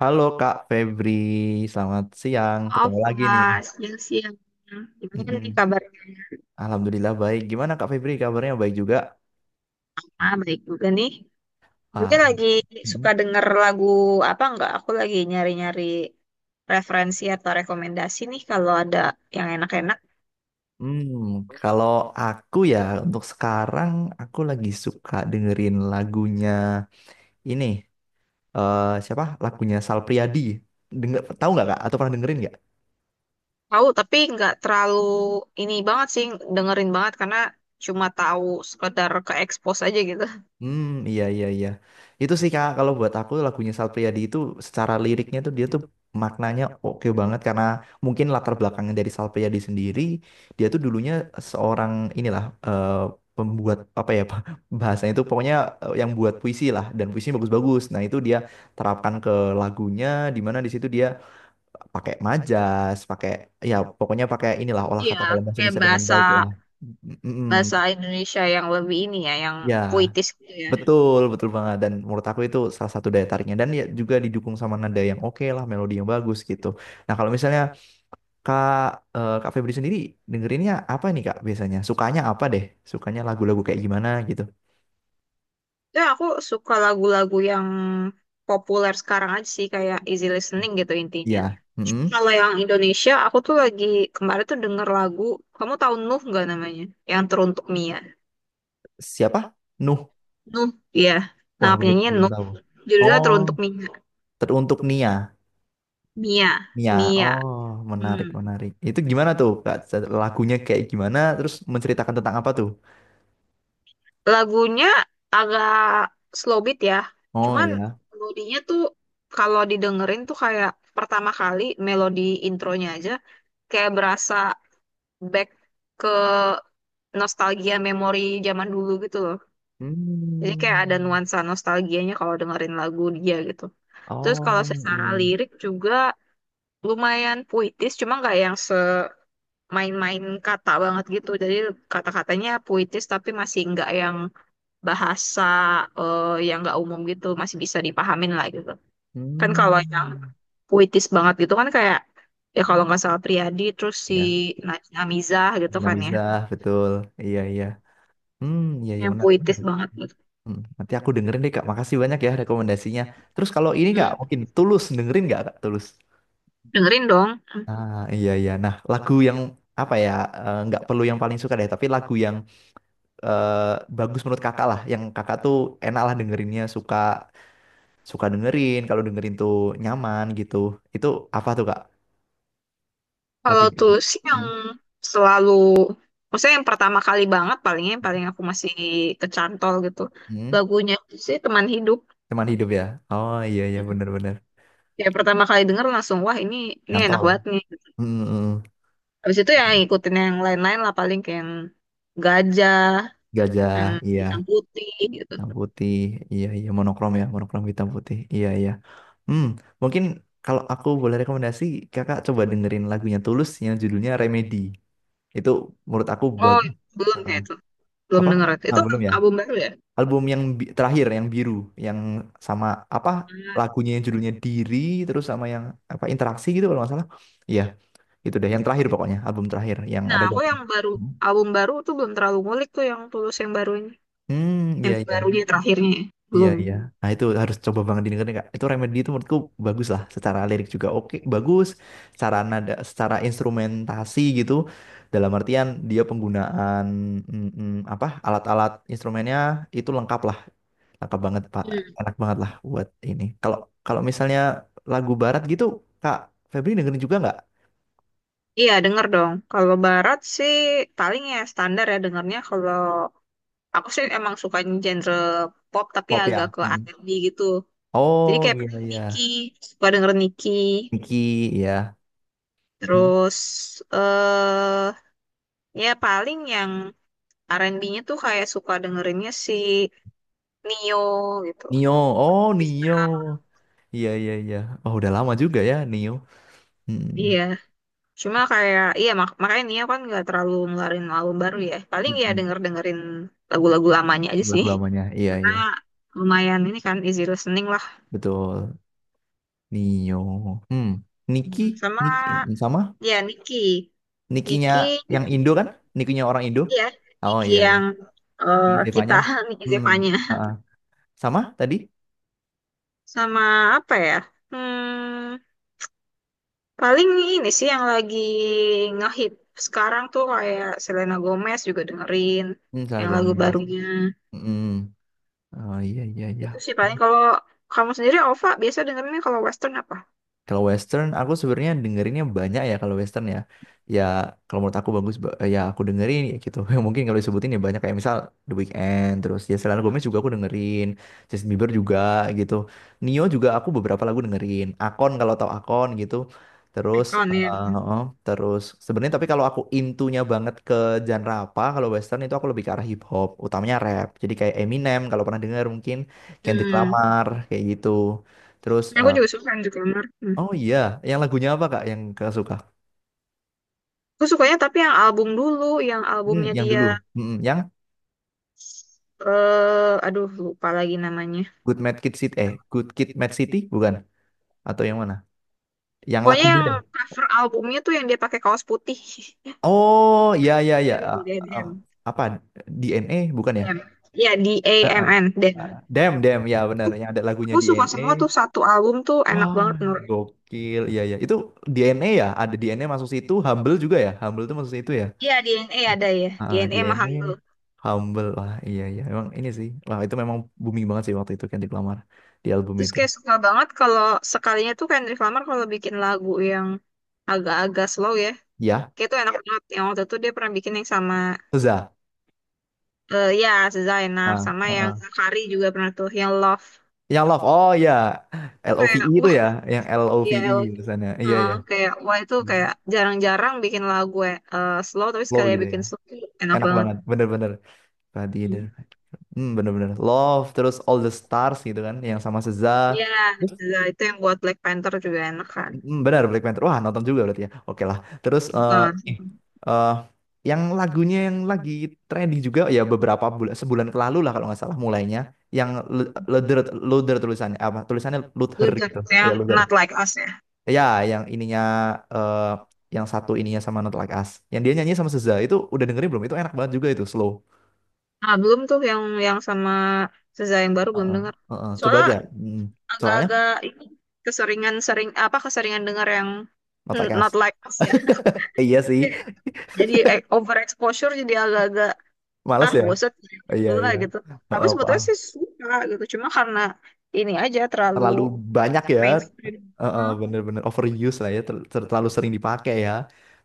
Halo Kak Febri, selamat siang. Maaf, Ketemu lagi nih. Mas. Siang siang. Gimana nih Mm-mm. kabarnya? Alhamdulillah baik. Gimana Kak Febri kabarnya? Baik juga? Ah, baik juga nih. Juga Ah, lagi mm. suka denger lagu apa enggak? Aku lagi nyari-nyari referensi atau rekomendasi nih kalau ada yang enak-enak. Hmm, kalau aku ya untuk sekarang aku lagi suka dengerin lagunya ini eh siapa? Lagunya Sal Priadi. Dengar tahu nggak Kak? Atau pernah dengerin nggak? Tahu, tapi nggak terlalu ini banget sih, dengerin banget karena cuma tahu sekedar ke expose aja gitu. Hmm, iya iya iya. Itu sih Kak, kalau buat aku lagunya Sal Priadi itu secara liriknya tuh dia tuh maknanya oke banget karena mungkin latar belakangnya dari Sal Priadi sendiri, dia tuh dulunya seorang inilah eh, pembuat apa ya Pak, bahasanya itu pokoknya eh, yang buat puisi lah dan puisinya bagus-bagus. Nah, itu dia terapkan ke lagunya di mana di situ dia pakai majas, pakai ya pokoknya pakai inilah olah Iya, kata dalam bahasa kayak Indonesia dengan bahasa baik lah. Mm, mm, mm. bahasa Indonesia yang lebih ini ya, yang Ya. puitis gitu ya. Betul, betul banget. Dan menurut aku itu salah satu daya tariknya. Dan ya juga didukung sama nada yang oke lah, melodi yang bagus gitu. Nah kalau misalnya Kak, eh, Kak Febri sendiri dengerinnya apa nih Kak biasanya? Sukanya apa deh? Sukanya lagu-lagu kayak gimana gitu? Ya, aku suka lagu-lagu yang populer sekarang aja sih, kayak easy listening gitu intinya. Iya. Mm-mm. Kalau yang Indonesia, aku tuh lagi kemarin tuh denger lagu, kamu tahu Nuh nggak namanya? Yang Teruntuk Mia. Siapa? Nuh. Nuh, iya. Wah, Nah, belum penyanyinya belum Nuh. tahu. Judulnya Oh, Teruntuk Mia. teruntuk Nia. Mia. Nia. Mia. Oh, menarik Hmm. menarik. Itu gimana tuh Kak? Lagunya kayak gimana? Terus menceritakan tentang apa tuh? Lagunya agak slow beat ya. Oh Cuman iya. melodinya tuh kalau didengerin tuh kayak pertama kali melodi intronya aja kayak berasa back ke nostalgia memori zaman dulu gitu loh. Jadi kayak ada Hmm. nuansa nostalgianya kalau dengerin lagu dia gitu. Terus kalau Oh secara iya. lirik juga lumayan puitis, cuma nggak yang semain-main kata banget gitu. Jadi kata-katanya puitis tapi masih nggak yang bahasa yang nggak umum gitu, masih bisa dipahamin lah gitu. Kan kalau yang Hmm, puitis banget gitu kan kayak ya kalau nggak salah Priyadi, terus si ya, Najwa Mizah gitu Nabila kan ya, bisa betul. Iya, iya. Hmm, iya, iya yang menarik. puitis Menarik. banget gitu. Hmm, nanti aku dengerin deh, Kak. Makasih banyak ya rekomendasinya. Terus kalau ini, Kak, Hmm, mungkin Tulus dengerin nggak, Kak? Tulus. dengerin dong. Ah, iya, iya. Nah, lagu yang apa ya? Nggak perlu yang paling suka deh, tapi lagu yang eh, bagus menurut Kakak lah, yang Kakak tuh enak lah dengerinnya, suka suka dengerin. Kalau dengerin tuh nyaman gitu. Itu apa tuh, Kak? Kalau Lagunya? tulus sih yang Hmm? selalu, maksudnya yang pertama kali banget palingnya yang Hmm? paling aku masih kecantol gitu. Hmm. Lagunya sih Teman Hidup. Teman hidup ya? Oh iya iya, Mm. benar-benar. Ya pertama kali denger langsung wah ini enak Nyantol. banget nih. Mm, mm, mm. Habis itu ya ngikutin yang lain-lain lah paling kayak yang Gajah, Gajah. yang Iya. Hitam Putih gitu. Hitam putih. Iya iya, monokrom ya, monokrom hitam putih, iya iya. Hmm, mungkin kalau aku boleh rekomendasi, kakak coba dengerin lagunya Tulus yang judulnya Remedy. Itu menurut aku Oh, bagus. belum Heeh. kayak itu, belum Apa, denger itu. ah Itu belum ya, album baru ya? album yang terakhir, yang biru, yang sama apa Nah, lagunya, yang judulnya Diri, terus sama yang apa, interaksi gitu kalau nggak salah. Iya, itu deh yang terakhir, pokoknya album terakhir yang Nah, ada aku gambar. yang baru Hmm, album baru tuh belum terlalu ngulik tuh yang tulus hmm, iya yang iya. barunya terakhirnya ya. Iya Belum. iya. Nah, itu harus coba banget didengerin Kak. Itu Remedy itu menurutku bagus lah. Secara lirik juga oke, bagus. Secara nada, secara instrumentasi gitu. Dalam artian dia penggunaan mm, mm, apa alat-alat instrumennya itu lengkap lah, lengkap banget Pak. Enak banget lah buat ini. Kalau kalau misalnya lagu barat gitu, Kak Febri dengerin juga nggak? Iya, denger dong. Kalau barat sih paling ya standar ya dengernya. Kalau aku sih emang suka genre pop tapi Pop ya. agak ke Mm. R&B gitu. Jadi Oh kayak iya paling Nicki, iya. suka denger Nicki. Niki ya. Mm. Terus eh ya paling yang R&B-nya tuh kayak suka dengerinnya si Nio gitu. Nio, oh Chris Nio. Brown. Iya iya iya. Oh udah lama juga ya Nio. Hmm, Iya. Cuma kayak iya makanya Nio kan nggak terlalu ngeluarin album baru ya. Paling hmm, ya hmm. denger-dengerin lagu-lagu lamanya aja Lagu sih, lamanya, iya karena iya, lumayan ini kan easy listening lah, betul. Nio, hmm, Niki, sama Niki eh, sama ya Niki, Nikinya Niki yang Indo kan? Nikinya orang Indo. ya Oh Niki iya iya, yang Niki kita Zevanya. Niki Hmm, Zevanya. ah, ah. Sama tadi? Sama apa ya, hmm, paling ini sih yang lagi ngehit sekarang tuh kayak Selena Gomez juga dengerin Hmm, Selena yang lagu Gomez. barunya. Hmm, oh iya iya iya. Itu sih paling. Kalau kamu sendiri Ova biasa dengerinnya kalau Western apa? Kalau Western, aku sebenarnya dengerinnya banyak ya kalau Western ya. Ya kalau menurut aku bagus, ya aku dengerin ya gitu. Yang mungkin kalau disebutin ya banyak kayak misal The Weeknd, terus ya Selena Gomez juga aku dengerin, Justin Bieber juga gitu. Nio juga aku beberapa lagu dengerin. Akon, kalau tahu Akon gitu. Terus, Icon ya. Oh, terus sebenarnya tapi kalau aku intunya banget ke genre apa, kalau Western itu aku lebih ke arah hip hop, utamanya rap. Jadi kayak Eminem kalau pernah dengar mungkin, Kendrick Hmm. Lamar kayak gitu. Terus Aku eh, juga suka Andrew Clemmer. oh iya, yang lagunya apa Kak yang Kakak suka? Aku sukanya tapi yang album dulu, yang Hmm, albumnya yang dia, dulu. Hmm, yang aduh lupa lagi namanya. Good Mad Kid City eh Good Kid Mad City bukan? Atau yang mana? Yang Pokoknya lagunya yang deh. cover albumnya tuh yang dia pakai kaos putih. Oh, iya iya iya. Dem, Ah, dem, ah, dem, apa DNA bukan ya? dem. Ya, D A Ah, ah, M N, ah. dem. Damn, damn ya benar. Yang ada lagunya Aku suka DNA. semua tuh satu album tuh enak Wah, banget menurut. gokil. Iya iya. Itu DNA ya? Ada DNA masuk situ, Humble juga ya? Humble itu masuk situ ya? Iya, DNA Ah, ada ya, ah, DNA sama DNA, Humble. Humble lah. Iya iya. Emang ini sih. Wah, itu memang booming banget sih waktu itu Kendrick Lamar di album Terus itu. kayak suka banget kalau sekalinya tuh Kendrick Lamar kalau bikin lagu yang agak-agak slow ya. Ya, Kayak tuh enak banget. Yang waktu itu dia pernah bikin yang sama. Seza. Ya, Seza enak. Ah, Sama ah, yang ah. Zakari juga pernah tuh, yang Love. Yang love. Oh iya. Itu LOVE kayak, itu wah, ya, yang LOVE iya, Love. tulisannya. Iya iya. Kayak, wah, itu Hmm. kayak jarang-jarang bikin lagu slow, tapi Flow sekali gitu ya. bikin slow tuh enak Enak banget. banget. Bener-bener. Tadi ada. Hmm. Hmm, bener-bener. Love terus All the Stars gitu kan yang sama Seza. Ya, Terus Seza, itu yang buat Black Panther juga enak kan. mm, bener, Black Panther. Wah, nonton juga berarti ya. Oke lah. Terus eh Nah, ini, eh, yang lagunya yang lagi trending juga ya beberapa bulan sebulan ke lalu lah kalau nggak salah mulainya, yang Luther, Luther tulisannya apa, tulisannya itu Luther gitu, ceritanya ya Luther Not Like Us ya. ya, yang ininya eh yang satu ininya sama Not Like Us yang dia nyanyi sama Seza, itu udah dengerin belum? Itu enak banget juga, itu slow. Ah, belum tuh yang sama Seza yang baru belum Heeh, dengar. heeh. Coba Soalnya aja. Mm. Soalnya agak-agak ini keseringan sering apa keseringan dengar yang Not Like Not Us. Like Us ya. Eh, iya sih, Jadi overexposure, jadi agak-agak males ya. bosan Oh, iya dulu lah iya. gitu, tapi Heeh, sebetulnya paham. sih suka gitu cuma karena ini aja terlalu Terlalu banyak ya. mainstream. Heeh, Hah? bener-bener overuse lah ya, terlalu sering dipakai ya.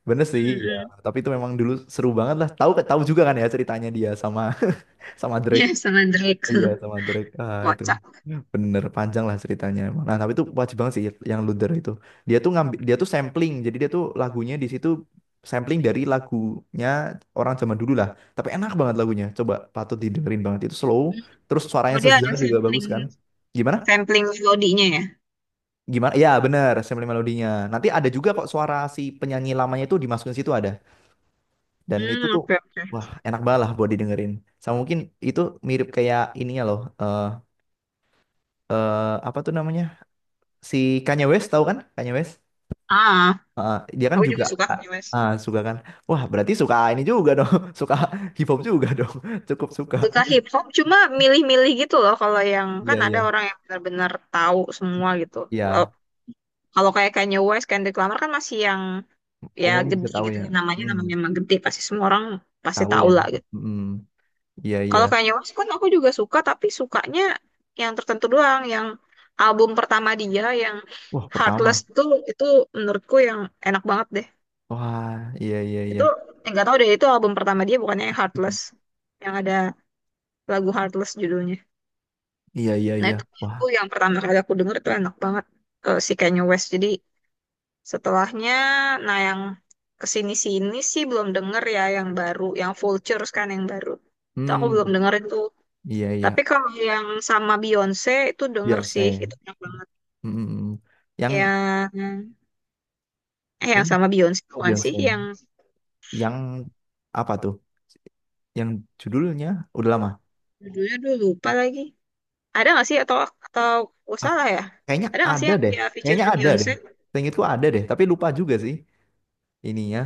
Bener sih Hmm, ya. hmm. Tapi itu memang dulu seru banget lah, tahu tahu juga kan ya ceritanya dia sama sama Drake. Ya, sama Drake. Iya, sama Drake. Ah, itu Kocak. bener panjang lah ceritanya emang. Nah tapi itu wajib banget sih, yang Luther itu. Dia tuh ngambil, dia tuh sampling. Jadi dia tuh lagunya di situ sampling dari lagunya orang zaman dulu lah. Tapi enak banget lagunya. Coba patut didengerin banget. Itu slow. Hmm. Terus suaranya Oh, dia Seza ada juga bagus sampling kan. Gimana? sampling melodinya ya? Gimana? Ya bener, sampling melodinya. Nanti ada juga kok suara si penyanyi lamanya itu dimasukin situ, ada. Dan itu Hmm, tuh, oke oke. wah, enak banget lah buat didengerin. Sama mungkin itu mirip kayak ininya loh. Apa tuh namanya? Si Kanye West, tahu kan Kanye West. Ah, Heeh, dia kan, aku ah, juga juga ya. suka Ah, Kanye West. ah, suka kan, wah berarti suka ini juga dong suka hip hop juga dong. Cukup suka. Suka hip hop, cuma milih-milih gitu loh. Kalau yang Iya kan iya ada orang yang benar-benar tahu semua gitu. iya. Kalau kalau kayak Kanye West, Kendrick Lamar kan masih yang ya Umum bisa gede tahu gitu ya. ya namanya, Hmm, namanya emang gede pasti semua orang pasti tahu tahu ya. lah gitu. Hmm, iya iya. Kalau Kanye West kan aku juga suka, tapi sukanya yang tertentu doang. Yang album pertama dia, yang Wah, pertama. Heartless tuh, itu menurutku yang enak banget deh. Wah, iya iya iya. Itu nggak tahu deh, itu album pertama dia bukannya yang Heartless. Yang ada lagu Heartless judulnya. Iya iya Nah iya. itu Wah. aku yang pertama kali aku denger itu enak banget, si Kanye West. Jadi setelahnya, nah yang kesini-sini sih belum denger ya yang baru, yang Vultures kan yang baru. Itu aku belum Hmm, denger itu. iya iya. Tapi kalau yang sama Beyonce itu denger sih, Beyonce. itu banyak banget. Hmm, hmm, hmm. Yang Yang yang ini, sama Beyonce bukan sih Beyonce, yang yang apa tuh, yang judulnya, udah lama. judulnya dulu lupa lagi. Ada nggak sih atau atau oh, Ak- salah ya? kayaknya Ada nggak sih ada yang deh. dia Kayaknya featuring ada deh. Beyonce? Seingatku ada deh, tapi lupa juga sih ini ya,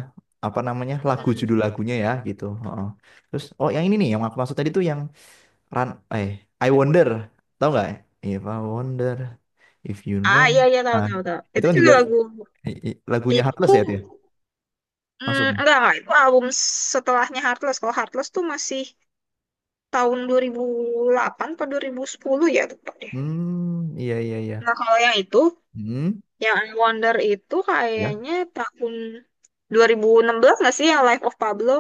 apa namanya lagu, judul Hmm. lagunya ya gitu. Heeh. Terus oh yang ini nih yang aku maksud tadi tuh yang Run, eh, I Wonder, tahu nggak? If I wonder if you Ah, know. iya iya, tahu Nah, tahu tahu. itu Itu kan juga juga lagu lagunya Heartless itu, ya itu ya masuknya. Enggak itu album setelahnya Heartless. Kalau Heartless tuh masih tahun 2008 atau 2010 ya tepat deh. Hmm, iya iya iya. Nah kalau yang itu, Hmm, yang I Wonder itu ya. kayaknya tahun 2016 nggak sih yang Life of Pablo?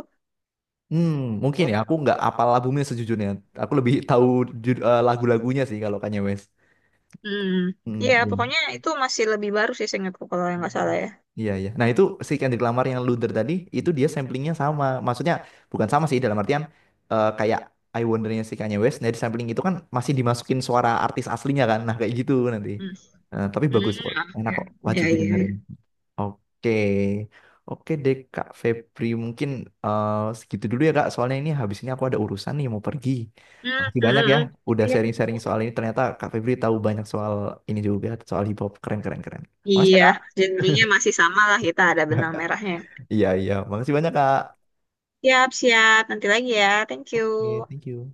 Hmm, mungkin Hmm. ya, aku nggak apal albumnya sejujurnya. Aku lebih tahu lagu-lagunya sih kalau Kanye West. Hmm. Hmm, Iya, iya. pokoknya itu masih lebih baru sih seingatku kalau yang nggak Hmm. salah ya. Iya, iya. Nah, itu si Kendrick Lamar yang Luther tadi, itu dia samplingnya sama. Maksudnya, bukan sama sih, dalam artian eh, kayak I Wonder-nya si Kanye West, nah di sampling itu kan masih dimasukin suara artis aslinya kan, nah kayak gitu nanti. Hmm. Eh, tapi bagus kok, enak kok, Hmm. wajib Ya, iya. Iya. didengerin. Oke, oke deh Kak Febri, mungkin eh, segitu dulu ya Kak, soalnya ini habis ini aku ada urusan nih, mau pergi. Hmm. Makasih Hmm. banyak Hmm, ya, hmm. udah Iya, sharing-sharing soal ini, ternyata Kak Febri tahu banyak soal ini juga, soal hip-hop, keren-keren-keren. Makasih ya iya, Kak. genrenya masih sama lah kita ada benang merahnya. Iya, iya. Makasih banyak, Kak. Siap, siap. Nanti lagi ya. Thank you. Oke, thank you.